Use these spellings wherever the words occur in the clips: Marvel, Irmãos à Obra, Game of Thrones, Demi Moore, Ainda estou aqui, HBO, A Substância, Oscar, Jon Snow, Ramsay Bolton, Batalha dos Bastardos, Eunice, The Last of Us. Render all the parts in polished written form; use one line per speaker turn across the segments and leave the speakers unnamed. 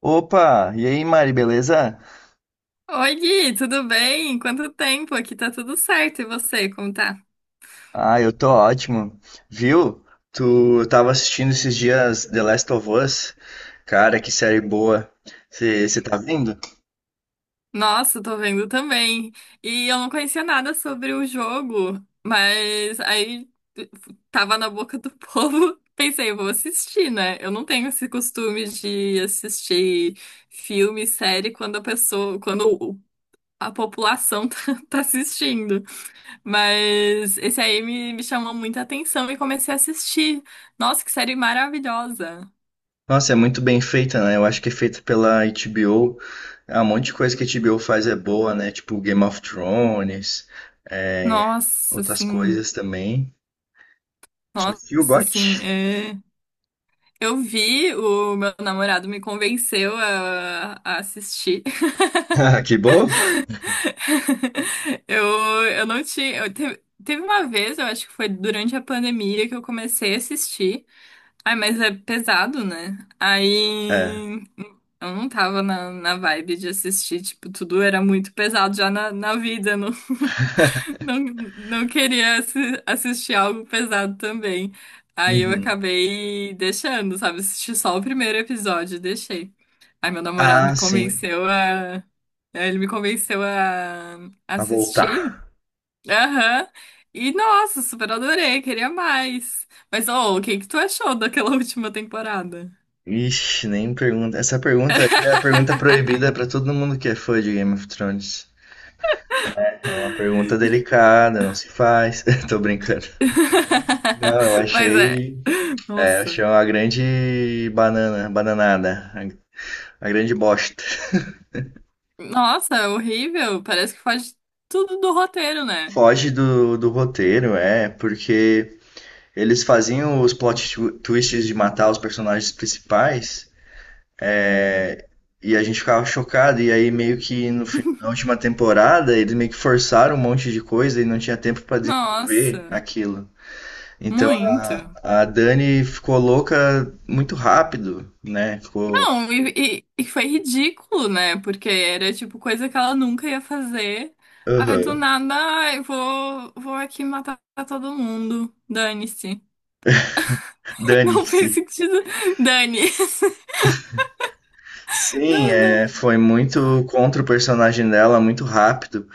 Opa, e aí, Mari, beleza?
Oi, Gui, tudo bem? Quanto tempo? Aqui tá tudo certo. E você, como tá?
Ah, eu tô ótimo. Viu? Tu tava assistindo esses dias The Last of Us? Cara, que série boa. Você tá vendo?
Nossa, tô vendo também. E eu não conhecia nada sobre o jogo, mas aí tava na boca do povo. Pensei, eu vou assistir, né? Eu não tenho esse costume de assistir filme, série quando a pessoa, quando o- a população tá assistindo. Mas esse aí me chamou muita atenção e comecei a assistir. Nossa, que série maravilhosa!
Nossa, é muito bem feita, né? Eu acho que é feita pela HBO. Ah, um monte de coisa que a HBO faz é boa, né? Tipo Game of Thrones, é,
Nossa,
outras
sim.
coisas também. Tio
Nossa,
Got.
sim. É. Eu vi, o meu namorado me convenceu a assistir.
Que bom?
Eu, eu não tinha. Teve uma vez, eu acho que foi durante a pandemia, que eu comecei a assistir. Ai, mas é pesado, né?
É.
Aí. Eu não tava na vibe de assistir, tipo, tudo era muito pesado já na vida, não. Não queria assistir algo pesado também. Aí eu
Uhum.
acabei deixando, sabe? Assisti só o primeiro episódio e deixei. Aí meu namorado me
Ah, sim.
convenceu a. Né, ele me convenceu a
A voltar.
assistir. Aham. E nossa, super adorei, queria mais. Mas, ô, o que que tu achou daquela última temporada?
Ixi, nem pergunta. Essa pergunta aí é a pergunta proibida pra todo mundo que é fã de Game of Thrones. É uma pergunta delicada, não se faz. Tô brincando. Não, eu
Mas é.
achei, é, eu
Nossa.
achei uma grande banana, bananada, a grande bosta.
Nossa, é horrível. Parece que faz tudo do roteiro, né?
Foge do roteiro, é, porque eles faziam os plot twists de matar os personagens principais. É, e a gente ficava chocado, e aí meio que no, fi- na última temporada eles meio que forçaram um monte de coisa e não tinha tempo pra desenvolver
Nossa,
aquilo. Então
muito.
a Dani ficou louca muito rápido, né? Ficou.
Não, e- E foi ridículo, né? Porque era tipo coisa que ela nunca ia fazer. Aí do
Aham.
nada, ai, vou aqui matar todo mundo. Dane-se. Não
Dane-se.
fez sentido. Dane.
Sim,
Não, não.
é, foi muito contra o personagem dela, muito rápido.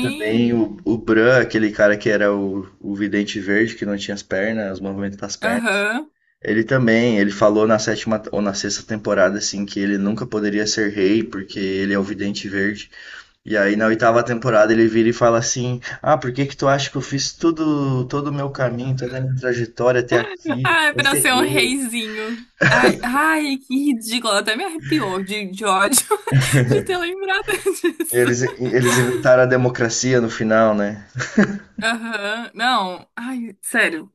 Também o, o Bran, aquele cara que era o vidente verde, que não tinha as pernas, os movimentos das pernas.
Aham.
Ele também, ele falou na sétima ou na sexta temporada, assim, que ele nunca poderia ser rei, porque ele é o Vidente Verde. E aí na oitava temporada ele vira e fala assim, ah, por que que tu acha que eu fiz tudo, todo o meu caminho, toda a minha trajetória até aqui?
Ai,
Eu
pra
ser
ser um
rei.
reizinho. Ai, ai, que ridículo. Até me arrepiou de ódio de ter lembrado
Eles,
disso.
eles inventaram a democracia no final, né?
Aham. Não, ai, sério.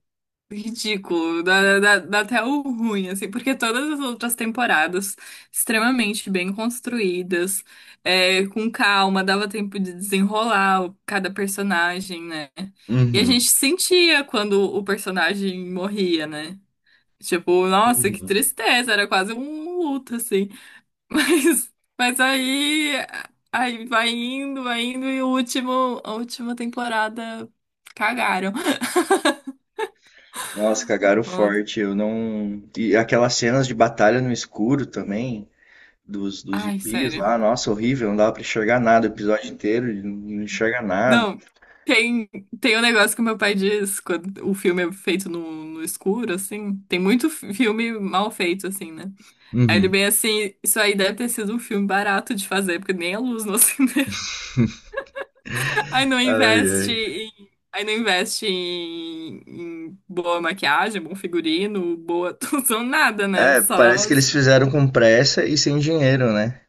Ridículo. Dá até o ruim, assim, porque todas as outras temporadas, extremamente bem construídas, é, com calma, dava tempo de desenrolar cada personagem, né? E a
Uhum.
gente sentia quando o personagem morria, né? Tipo, nossa, que
Uhum.
tristeza, era quase um luto, assim. Mas, mas aí, aí vai indo, e a última temporada cagaram.
Nossa, cagaram
Nossa.
forte. Eu não. E aquelas cenas de batalha no escuro também. Dos
Ai,
zumbis
sério.
lá, nossa, horrível, não dava pra enxergar nada o episódio inteiro, não enxerga nada.
Não, tem, tem um negócio que meu pai diz quando o filme é feito no escuro, assim. Tem muito filme mal feito, assim, né? Aí ele
Uhum.
bem assim, isso aí deve ter sido um filme barato de fazer, porque nem a luz no cinema.
Ai, ai.
Aí não investe em, em boa maquiagem, bom figurino, boa atuação, nada, né?
É,
Só.
parece que eles
As-
fizeram com pressa e sem dinheiro, né?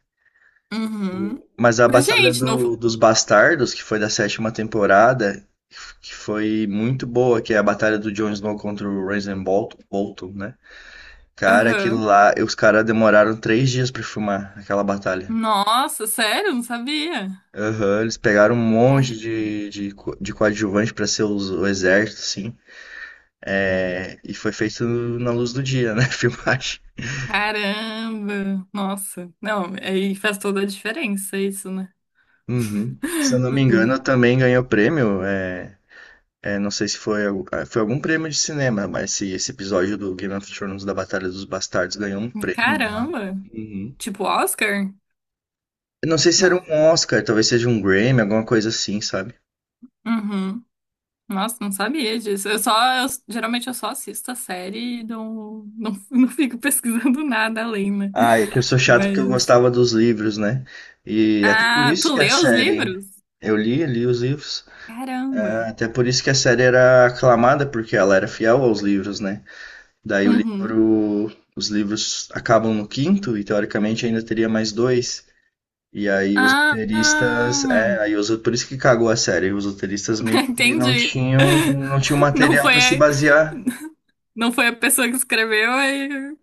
Uhum.
Mas a
Mas,
Batalha
gente, não.
do- dos Bastardos, que foi da sétima temporada, que foi muito boa, que é a batalha do Jon Snow contra o Ramsay Bolton, né? Cara, aquilo
Aham.
lá, os caras demoraram 3 dias pra filmar aquela batalha.
Nossa, sério? Não sabia.
Aham, eles pegaram um monte
Caramba.
de coadjuvante pra ser o exército, assim. É, e foi feito na luz do dia, né? Filmagem.
Caramba. Nossa. Não, aí faz toda a diferença isso, né?
Uhum. Se eu não me engano, também ganhou prêmio. Não sei se foi, foi algum prêmio de cinema, mas se esse episódio do Game of Thrones da Batalha dos Bastardos ganhou um prêmio lá.
Caramba.
Uhum.
Tipo Oscar?
Eu não sei se era
Não.
um Oscar, talvez seja um Grammy, alguma coisa assim, sabe?
Uhum. Nossa, não sabia disso. Eu só, geralmente eu só assisto a série e não, não, não fico pesquisando nada além, né?
Ah, é que eu sou chato
Mas.
porque eu gostava dos livros, né? E até por
Ah, tu
isso que a
leu os
série.
livros?
Eu li os livros. É,
Caramba.
até por isso que a série era aclamada, porque ela era fiel aos livros, né? Daí o
Uhum.
livro, os livros acabam no quinto e teoricamente ainda teria mais dois. E aí os
Ah,
roteiristas,
ah,
por isso que cagou a série. Os roteiristas meio que não
entendi.
tinham, não tinham
Não
material
foi,
para se
a-
basear.
não foi a pessoa que escreveu, aí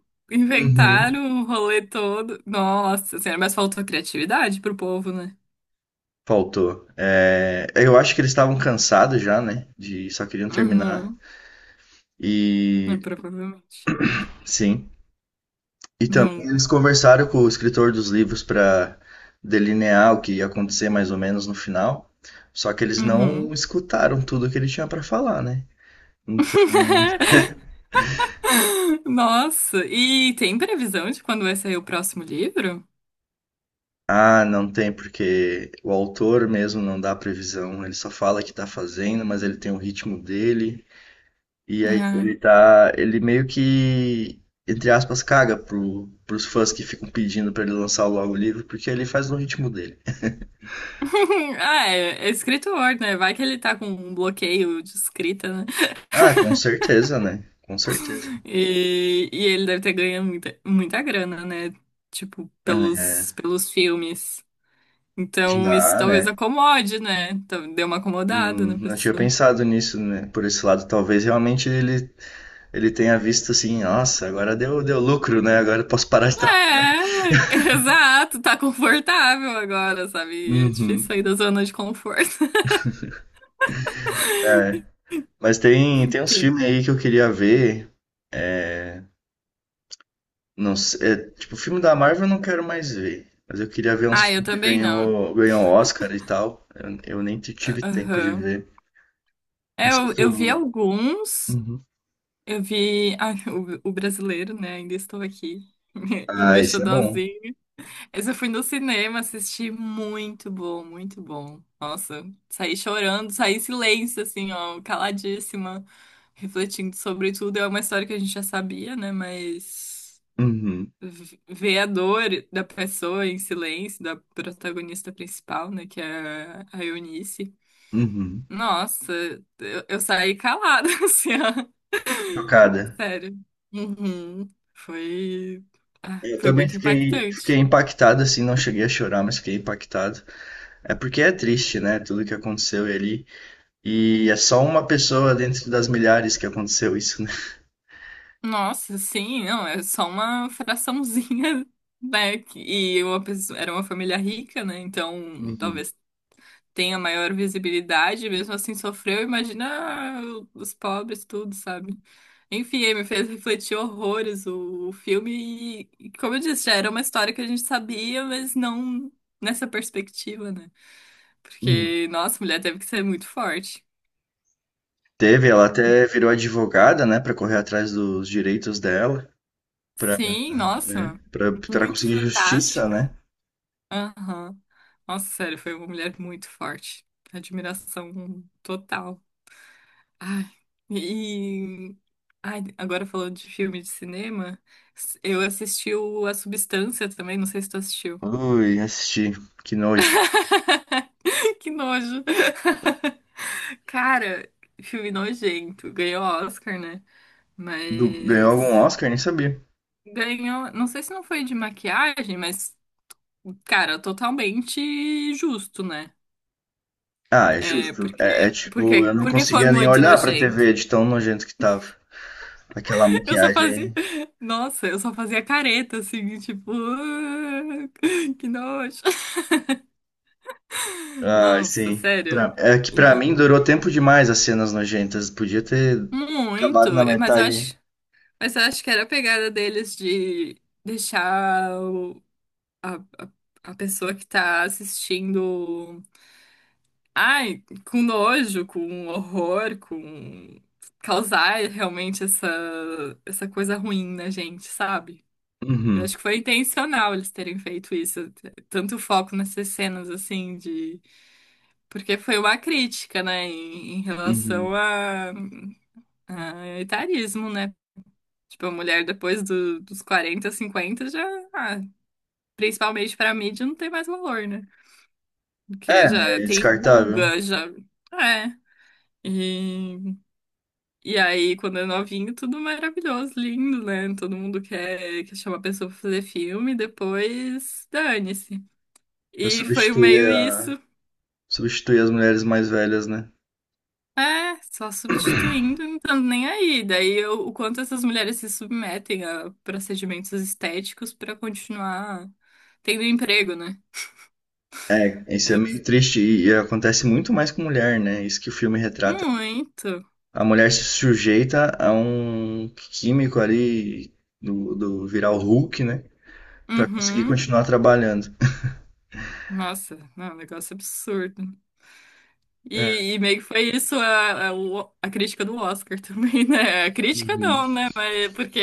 Uhum,
inventaram o rolê todo. Nossa senhora, mas faltou criatividade pro povo, né?
faltou. É, eu acho que eles estavam cansados já, né? De só queriam terminar.
Uhum. É,
E
provavelmente.
sim, e também
Não.
eles conversaram com o escritor dos livros para delinear o que ia acontecer mais ou menos no final. Só que eles não
Uhum.
escutaram tudo que ele tinha para falar, né? Então,
Nossa, e tem previsão de quando vai sair o próximo livro?
ah, não tem, porque o autor mesmo não dá previsão. Ele só fala que tá fazendo, mas ele tem o ritmo dele. E aí
Ah.
ele tá. Ele meio que, entre aspas, caga pro, pros fãs que ficam pedindo para ele lançar logo o livro, porque ele faz no ritmo dele.
Ah, é, é escritor, né? Vai que ele tá com um bloqueio de escrita, né?
Ah, com certeza, né? Com certeza.
E ele deve ter ganho muita grana, né? Tipo,
É,
pelos filmes. Então, isso
já,
talvez
né?
acomode, né? Então, deu uma acomodada na
Não tinha
pessoa.
pensado nisso, né? Por esse lado, talvez realmente ele tenha visto assim, nossa, agora deu lucro, né? Agora eu posso parar de
É,
trabalhar.
exato, tá confortável agora, sabe? É difícil
Uhum.
sair da zona de conforto.
É. Mas tem uns
Quem-
filmes aí que eu queria ver. Não sei, tipo, filme da Marvel eu não quero mais ver. Mas eu queria ver uns
Ah, eu
filmes que
também não.
ganhou, ganhou Oscar e tal. Eu nem tive tempo de
Aham.
ver. Não
É,
sei se
eu vi
tu.
alguns,
Uhum.
eu vi ah, o brasileiro, né? Ainda estou aqui, o
Ah,
meu
esse é bom.
xodózinho. Mas eu fui no cinema assisti, muito bom, muito bom. Nossa, saí chorando, saí em silêncio, assim, ó, caladíssima, refletindo sobre tudo. É uma história que a gente já sabia, né? Mas
Uhum.
ver a dor da pessoa em silêncio, da protagonista principal, né? Que é a Eunice.
Uhum.
Nossa, eu saí calada, assim, ó.
Chocada.
Sério. Uhum. Foi, ah,
Eu
foi
também
muito
fiquei
impactante.
impactado, assim, não cheguei a chorar, mas fiquei impactado. É porque é triste, né? Tudo que aconteceu ali. E é só uma pessoa dentro das milhares que aconteceu isso, né?
Nossa, sim, não, é só uma fraçãozinha, né? Que- E uma pessoa, era uma família rica, né? Então,
Uhum.
talvez tenha maior visibilidade, mesmo assim sofreu, imagina os pobres, tudo, sabe? Enfim, aí me fez refletir horrores o filme e como eu disse, já era uma história que a gente sabia, mas não nessa perspectiva, né?
Uhum.
Porque, nossa, a mulher teve que ser muito forte.
Teve, ela até virou advogada, né, pra correr atrás dos direitos dela, pra
Sim,
né,
nossa,
para
muito
conseguir justiça, né?
fantástica. Aham. Nossa, sério, foi uma mulher muito forte. Admiração total. Ai, e. Ai, agora falando de filme de cinema, eu assisti o A Substância também, não sei se tu assistiu.
Ui, assisti, que nojo.
Que nojo. Cara, filme nojento. Ganhou Oscar, né?
Ganhou algum
Mas.
Oscar? Nem sabia.
Ganhou. Não sei se não foi de maquiagem, mas. Cara, totalmente justo, né?
Ah, é
É,
justo. É, é tipo, eu não
porque foi
conseguia nem
muito
olhar pra
nojento.
TV de tão nojento que tava. Aquela
Eu só fazia.
maquiagem.
Nossa, eu só fazia careta, assim, tipo. "Ah, que nojo.
Ah,
Nossa,
sim.
sério.
É que pra
E- e-
mim durou tempo demais as cenas nojentas. Podia ter
Muito.
acabado na
Mas eu
metade.
acho. Mas eu acho que era a pegada deles de deixar a, a, a pessoa que tá assistindo. Ai, com nojo, com horror, com. Causar realmente essa, essa coisa ruim na gente, sabe? Eu
Uhum,
acho que foi intencional eles terem feito isso, tanto foco nessas cenas assim de, porque foi uma crítica, né, em
uhum.
relação a etarismo, né? Tipo, a mulher dos 40, 50 já, ah, principalmente pra mídia, não tem mais valor, né?
É,
Porque
né,
já
é
tem
descartável.
ruga, já, é. E, e aí, quando é novinho, tudo maravilhoso, lindo, né? Todo mundo quer, quer chamar a pessoa pra fazer filme, depois dane-se.
Eu
E foi meio
substituía,
isso.
substituía as mulheres mais velhas, né?
É, só substituindo, não estando nem aí. Daí o quanto essas mulheres se submetem a procedimentos estéticos pra continuar tendo emprego, né?
É,
É
isso é meio
abs-
triste e acontece muito mais com mulher, né? Isso que o filme retrata.
Muito.
A mulher se sujeita a um químico ali do virar o Hulk, né? Pra conseguir
Uhum.
continuar trabalhando.
Nossa, não, é um negócio absurdo.
É.
E meio que foi isso a, o- a crítica do Oscar também, né? A crítica
Uhum.
não, né? Mas porque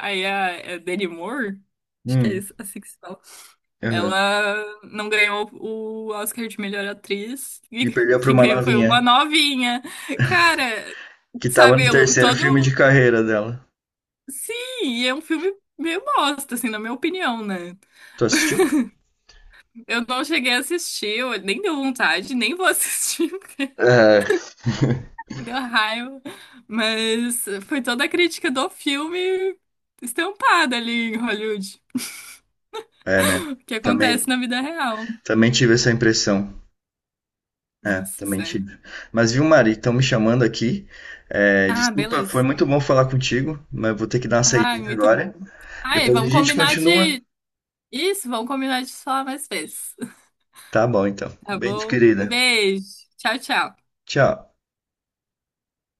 aí a Demi Moore, acho que é
Hum,
isso, assim que se fala.
aham.
Ela não ganhou o Oscar de melhor atriz, e
E perdeu pra
quem
uma
ganhou foi
novinha,
uma novinha. Cara,
que tava
sabe,
no
eu
terceiro filme de
todo.
carreira dela.
Sim, e é um filme meio bosta, assim, na minha opinião, né?
Tu assistiu?
Eu não cheguei a assistir, eu nem deu vontade, nem vou assistir, porque
É,
me deu raiva. Mas foi toda a crítica do filme estampada ali em Hollywood,
é né?
que acontece
Também,
na vida real.
também tive essa impressão. É,
Nossa,
também
sério.
tive. Mas viu, Mari, estão me chamando aqui. É,
Ah,
desculpa, foi
beleza.
muito bom falar contigo, mas vou ter que dar uma
Ai,
saída
muito bom.
agora.
Ai,
Depois a
vamos
gente
combinar
continua.
de isso, vamos combinar de falar mais vezes.
Tá bom, então.
Tá
Beijo,
bom? Um
querida.
beijo. Tchau, tchau.
Tchau.